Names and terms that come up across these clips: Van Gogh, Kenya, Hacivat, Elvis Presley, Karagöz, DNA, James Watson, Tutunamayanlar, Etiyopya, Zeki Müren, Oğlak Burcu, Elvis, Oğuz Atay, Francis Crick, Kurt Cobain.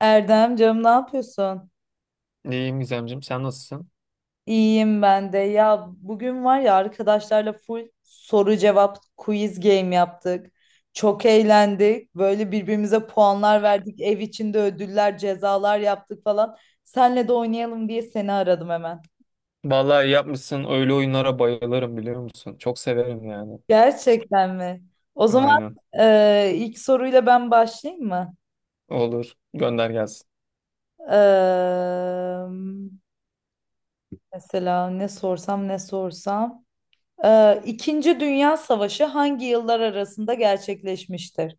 Erdem canım ne yapıyorsun? İyiyim Gizemciğim, sen nasılsın? İyiyim ben de. Ya bugün var ya arkadaşlarla full soru cevap quiz game yaptık. Çok eğlendik. Böyle birbirimize puanlar verdik. Ev içinde ödüller, cezalar yaptık falan. Senle de oynayalım diye seni aradım hemen. Vallahi iyi yapmışsın. Öyle oyunlara bayılırım biliyor musun? Çok severim yani. Gerçekten mi? O zaman Aynen. İlk soruyla ben başlayayım mı? Olur. Gönder gelsin. E, mesela ne sorsam ne sorsam. İkinci Dünya Savaşı hangi yıllar arasında gerçekleşmiştir?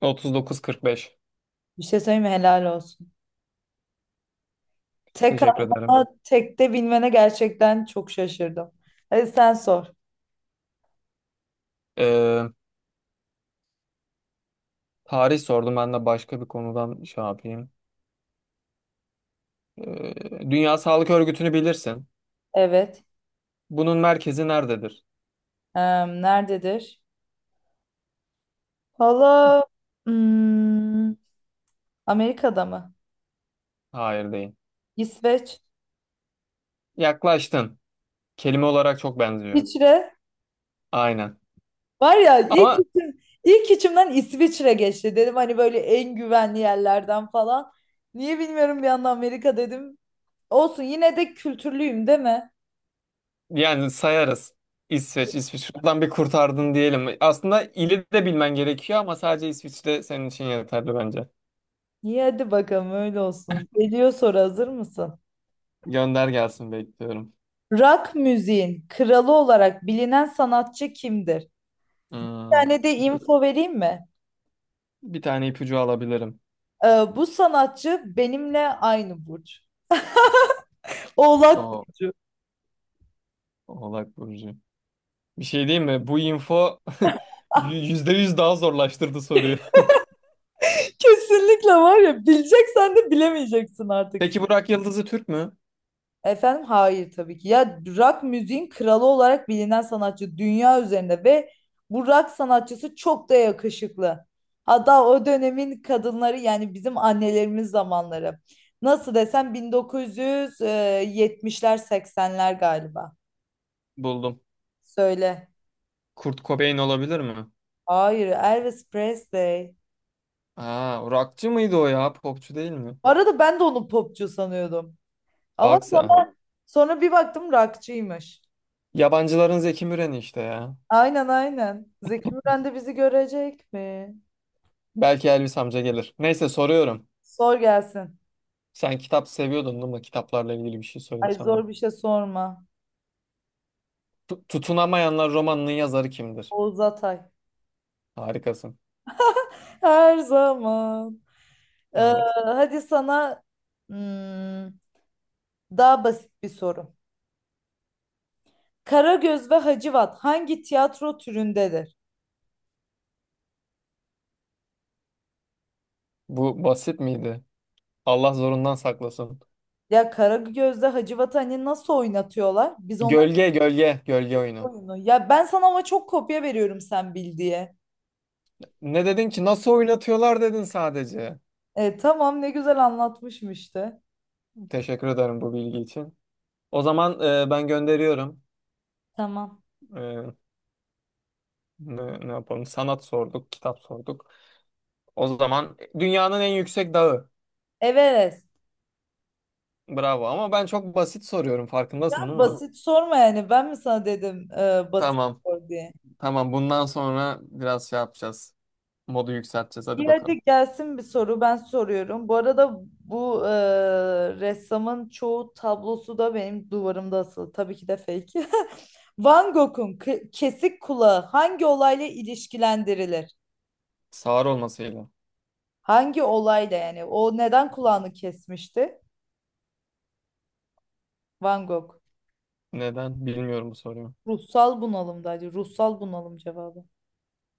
39-45. Bir şey söyleyeyim mi? Helal olsun. Tek Teşekkür ederim. atma, tekte bilmene gerçekten çok şaşırdım. Hadi sen sor. Ee, tarih sordum. Ben de başka bir konudan şey yapayım. Ee, Dünya Sağlık Örgütü'nü bilirsin. Evet. Bunun merkezi nerededir? Nerededir? Hala hmm, Amerika'da mı? Hayır değil. İsveç. Yaklaştın. Kelime olarak çok benziyor. İsviçre. Aynen. Var ya ilk, Ama. İlk içimden İsviçre geçti. Dedim hani böyle en güvenli yerlerden falan. Niye bilmiyorum bir anda Amerika dedim. Olsun yine de kültürlüyüm değil mi? Yani sayarız. İsveç, İsveç. Buradan bir kurtardın diyelim. Aslında ili de bilmen gerekiyor ama sadece İsviçre senin için yeterli bence. İyi hadi bakalım öyle olsun. Geliyor soru hazır mısın? Gönder gelsin bekliyorum. Rock müziğin kralı olarak bilinen sanatçı kimdir? Bir Hmm. tane de info vereyim mi? Bir tane ipucu alabilirim. Ee, bu sanatçı benimle aynı burç. Oğlak O burcu. Oğlak Burcu. Bir şey diyeyim mi? Bu info yüzde yüz daha zorlaştırdı soruyu. Kesinlikle var ya bileceksen de bilemeyeceksin artık. Peki Burak Yıldız'ı Türk mü? Efendim hayır tabii ki. Ya rock müziğin kralı olarak bilinen sanatçı dünya üzerinde ve bu rock sanatçısı çok da yakışıklı. Hatta o dönemin kadınları yani bizim annelerimiz zamanları. Nasıl desem 1970'ler 80'ler galiba. Buldum. Söyle. Kurt Cobain olabilir mi? Hayır Elvis Presley. Aa, rockçı mıydı o ya? Popçu değil mi? Bu arada ben de onu popçu sanıyordum. Ama Bak sen. sonra, sonra bir baktım rockçıymış. Yabancıların Zeki Müren'i işte ya. Aynen aynen. Zeki Müren de bizi görecek mi? Belki Elvis amca gelir. Neyse soruyorum. Sor gelsin. Sen kitap seviyordun değil mi? Kitaplarla ilgili bir şey sorayım Ay sana. zor bir şey sorma. Tutunamayanlar romanının yazarı kimdir? Oğuz Atay. Harikasın. Her zaman. Ee, Evet. hadi sana hmm, daha basit bir soru. Karagöz ve Hacivat hangi tiyatro türündedir? Bu basit miydi? Allah zorundan saklasın. Ya Karagöz'de Hacivat'ı hani nasıl oynatıyorlar? Biz onların Gölge, gölge, gölge oyunu. oyunu. Ya ben sana ama çok kopya veriyorum sen bil diye. Ne dedin ki? Nasıl oynatıyorlar dedin sadece. E, tamam ne güzel anlatmışım işte. Teşekkür ederim bu bilgi için. O zaman ben gönderiyorum. Tamam. E, ne yapalım? Sanat sorduk, kitap sorduk. O zaman dünyanın en yüksek dağı. Everest. Bravo ama ben çok basit soruyorum Ya farkındasın değil mi? basit sorma yani. Ben mi sana dedim basit Tamam. sor diye. Tamam. Bundan sonra biraz şey yapacağız. Modu yükselteceğiz. Hadi İyi hadi bakalım. gelsin bir soru ben soruyorum. Bu arada bu ressamın çoğu tablosu da benim duvarımda asılı. Tabii ki de fake. Van Gogh'un kesik kulağı hangi olayla ilişkilendirilir? Sağır olmasıyla. Hangi olayla yani? O neden kulağını kesmişti? Van Gogh. Neden? Bilmiyorum bu soruyu. Ruhsal bunalımdaydı. Ruhsal bunalım cevabı.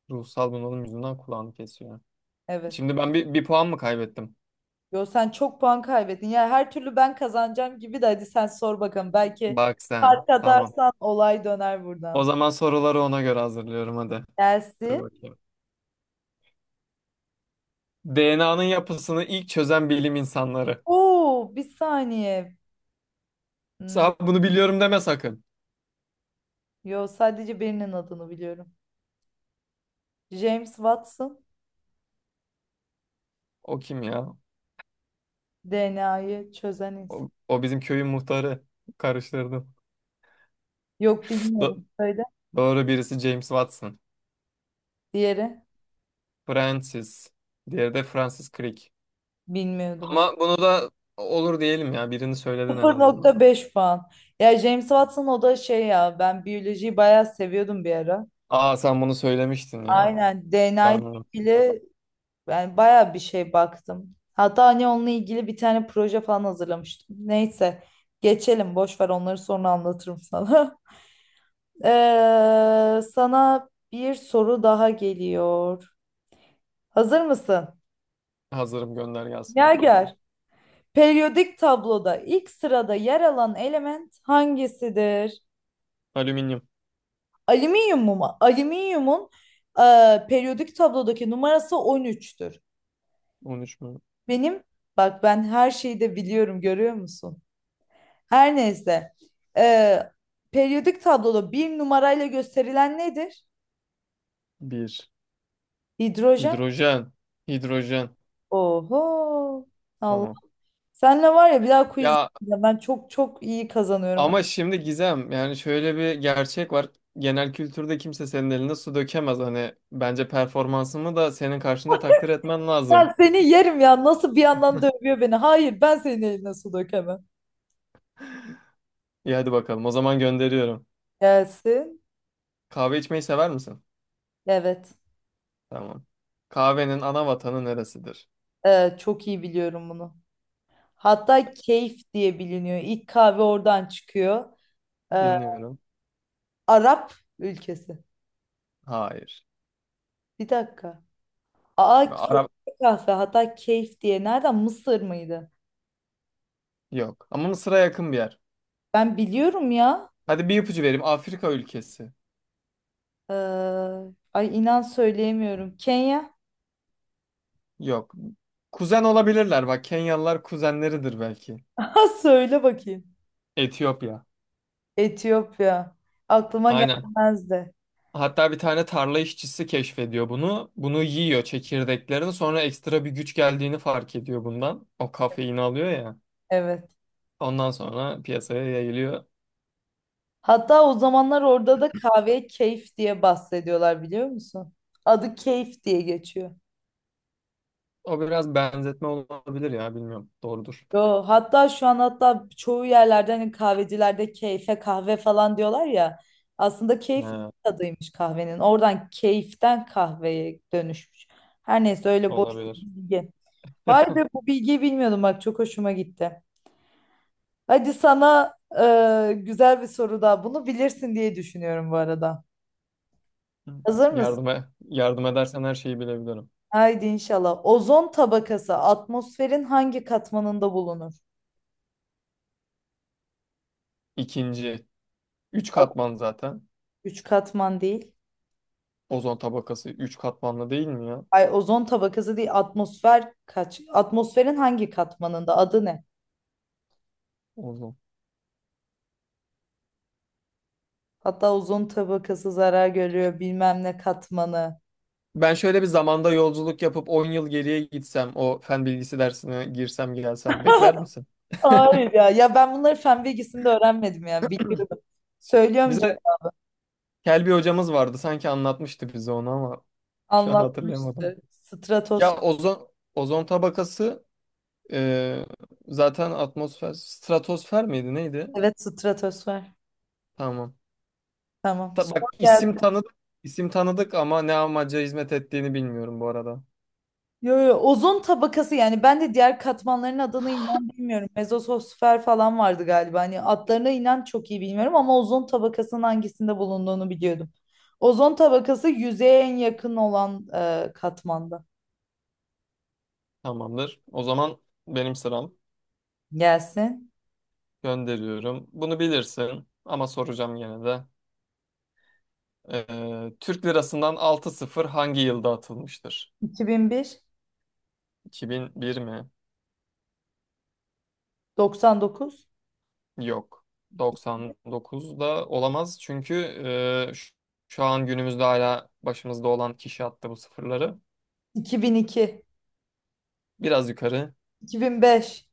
Ruhsal bunalım yüzünden kulağını kesiyor. Evet. Şimdi ben bir puan mı kaybettim? Yo sen çok puan kaybettin. Ya her türlü ben kazanacağım gibi de hadi sen sor bakalım. Belki Bak sen. fark Tamam. atarsan olay döner O buradan. zaman soruları ona göre hazırlıyorum hadi. Dur Gelsin. bakayım. DNA'nın yapısını ilk çözen bilim insanları. Oo, bir saniye. Hmm, Sen bunu biliyorum deme sakın. yo sadece birinin adını biliyorum. James Watson O kim ya? DNA'yı çözen insan. O bizim köyün muhtarı. Karıştırdım. Yok bilmiyorum. Do- Söyle. doğru birisi James Watson. Diğeri Francis. Diğeri de Francis Crick. bilmiyordum. Ama bunu da olur diyelim ya. Birini söyledin en azından. 0.5 puan. Ya James Watson o da şey ya ben biyolojiyi bayağı seviyordum bir ara. Aa, sen bunu söylemiştin ya. Aynen DNA Ben ile unuttum bak. ilgili yani bayağı bir şey baktım. Hatta hani onunla ilgili bir tane proje falan hazırlamıştım. Neyse geçelim boş ver onları sonra anlatırım sana. Sana bir soru daha geliyor. Hazır mısın? Hazırım, gönder gelsin bakalım. Gerger. Periyodik tabloda ilk sırada yer alan element hangisidir? Alüminyum. Alüminyum mu? Alüminyumun e, periyodik tablodaki numarası 13'tür. 13 mü? Benim, bak ben her şeyi de biliyorum görüyor musun? Her neyse. Ee, periyodik tabloda bir numarayla gösterilen nedir? 1. Hidrojen. Hidrojen. Hidrojen. Oho. Allah. Tamam. Senle var ya bir daha quiz Ya yapacağım. Ben çok çok iyi kazanıyorum. ama şimdi Gizem yani şöyle bir gerçek var. Genel kültürde kimse senin eline su dökemez. Hani bence performansımı da senin karşında takdir etmen Ben lazım. seni yerim ya nasıl bir yandan dövüyor beni. Hayır ben senin eline su dökemem. İyi hadi bakalım. O zaman gönderiyorum. Gelsin. Kahve içmeyi sever misin? Evet. Tamam. Kahvenin ana vatanı neresidir? Çok iyi biliyorum bunu. Hatta Keyf diye biliniyor. İlk kahve oradan çıkıyor. Ee, Dinliyorum. Arap ülkesi. Hayır. Bir dakika. Aa Arap keyifli kahve. Hatta Keyf diye. Nereden? Mısır mıydı? yok. Ama Mısır'a yakın bir yer. Ben biliyorum ya. Hadi bir ipucu vereyim. Afrika ülkesi. Ee, ay inan söyleyemiyorum. Kenya. Yok. Kuzen olabilirler. Bak, Kenyalılar kuzenleridir belki. Ha söyle bakayım. Etiyopya. Etiyopya. Aklıma Aynen. gelmezdi. Hatta bir tane tarla işçisi keşfediyor bunu. Bunu yiyor çekirdeklerini. Sonra ekstra bir güç geldiğini fark ediyor bundan. O kafeini alıyor ya. Evet. Ondan sonra piyasaya yayılıyor. Hatta o zamanlar orada da kahveye keyif diye bahsediyorlar biliyor musun? Adı keyif diye geçiyor. O biraz benzetme olabilir ya, bilmiyorum. Doğrudur. Yo, hatta şu an hatta çoğu yerlerde hani kahvecilerde keyfe kahve falan diyorlar ya. Aslında keyif He, tadıymış kahvenin. Oradan keyiften kahveye dönüşmüş. Her neyse öyle boş bir olabilir. bilgi. Vay be bu bilgiyi bilmiyordum bak çok hoşuma gitti. Hadi sana güzel bir soru daha. Bunu bilirsin diye düşünüyorum bu arada. Hazır mısın? Yardıma yardım edersen her şeyi bilebilirim. Haydi inşallah. Ozon tabakası atmosferin hangi katmanında bulunur? İkinci. 3 katman zaten. Üç katman değil. Ozon tabakası 3 katmanlı değil mi ya? Ay ozon tabakası değil atmosfer kaç? Atmosferin hangi katmanında? Adı ne? Ozon. Hatta ozon tabakası zarar görüyor bilmem ne katmanı. Ben şöyle bir zamanda yolculuk yapıp 10 yıl geriye gitsem, o fen bilgisi dersine girsem gelsem bekler misin? Hayır ya. Ya ben bunları fen bilgisinde öğrenmedim ya. Biliyordum. Söylüyorum Bize canım. Kelbi hocamız vardı. Sanki anlatmıştı bize onu ama şu an hatırlayamadım. Anlatmıştı. Stratosfer. Ya ozon tabakası, e, zaten atmosfer stratosfer miydi neydi? Evet stratosfer. Tamam. Tamam. Sor bak, geldi. isim tanıdık isim tanıdık ama ne amaca hizmet ettiğini bilmiyorum bu arada. Yo, yo, ozon tabakası yani ben de diğer katmanların adını inan bilmiyorum. Mezosfer falan vardı galiba. Hani adlarına inan çok iyi bilmiyorum ama ozon tabakasının hangisinde bulunduğunu biliyordum. Ozon tabakası yüzeye en yakın olan katmanda. Tamamdır. O zaman benim sıram. Gelsin. Gönderiyorum. Bunu bilirsin ama soracağım yine de. Türk lirasından 6-0 hangi yılda atılmıştır? 2001, 2001 mi? 99, Yok. 99'da olamaz çünkü e, ş- şu an günümüzde hala başımızda olan kişi attı bu sıfırları. 2002, Biraz yukarı 2005.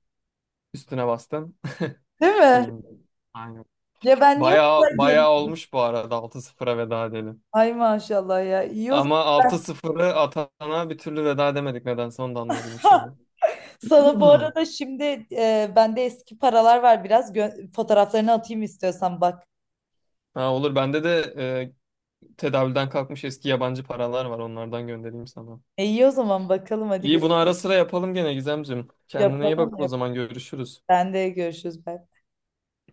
üstüne bastım. Değil mi? 2001. Aynen. Ya ben niye o Bayağı, kadar diyelim? bayağı olmuş, bu arada 6-0'a veda edelim. Ay maşallah ya. İyi o Ama zaman. 6-0'ı atana bir türlü veda edemedik, nedense onu da anlayabilmiş değilim. Sana bu Hmm. arada şimdi bende eski paralar var biraz fotoğraflarını atayım istiyorsan bak. Ha, olur, bende de e, tedavülden kalkmış eski yabancı paralar var, onlardan göndereyim sana. İyi o zaman bakalım hadi İyi, gör bunu ara sıra yapalım gene Gizemciğim. Kendine iyi yapalım bak, mı? o zaman görüşürüz. Ben de görüşürüz. Bye.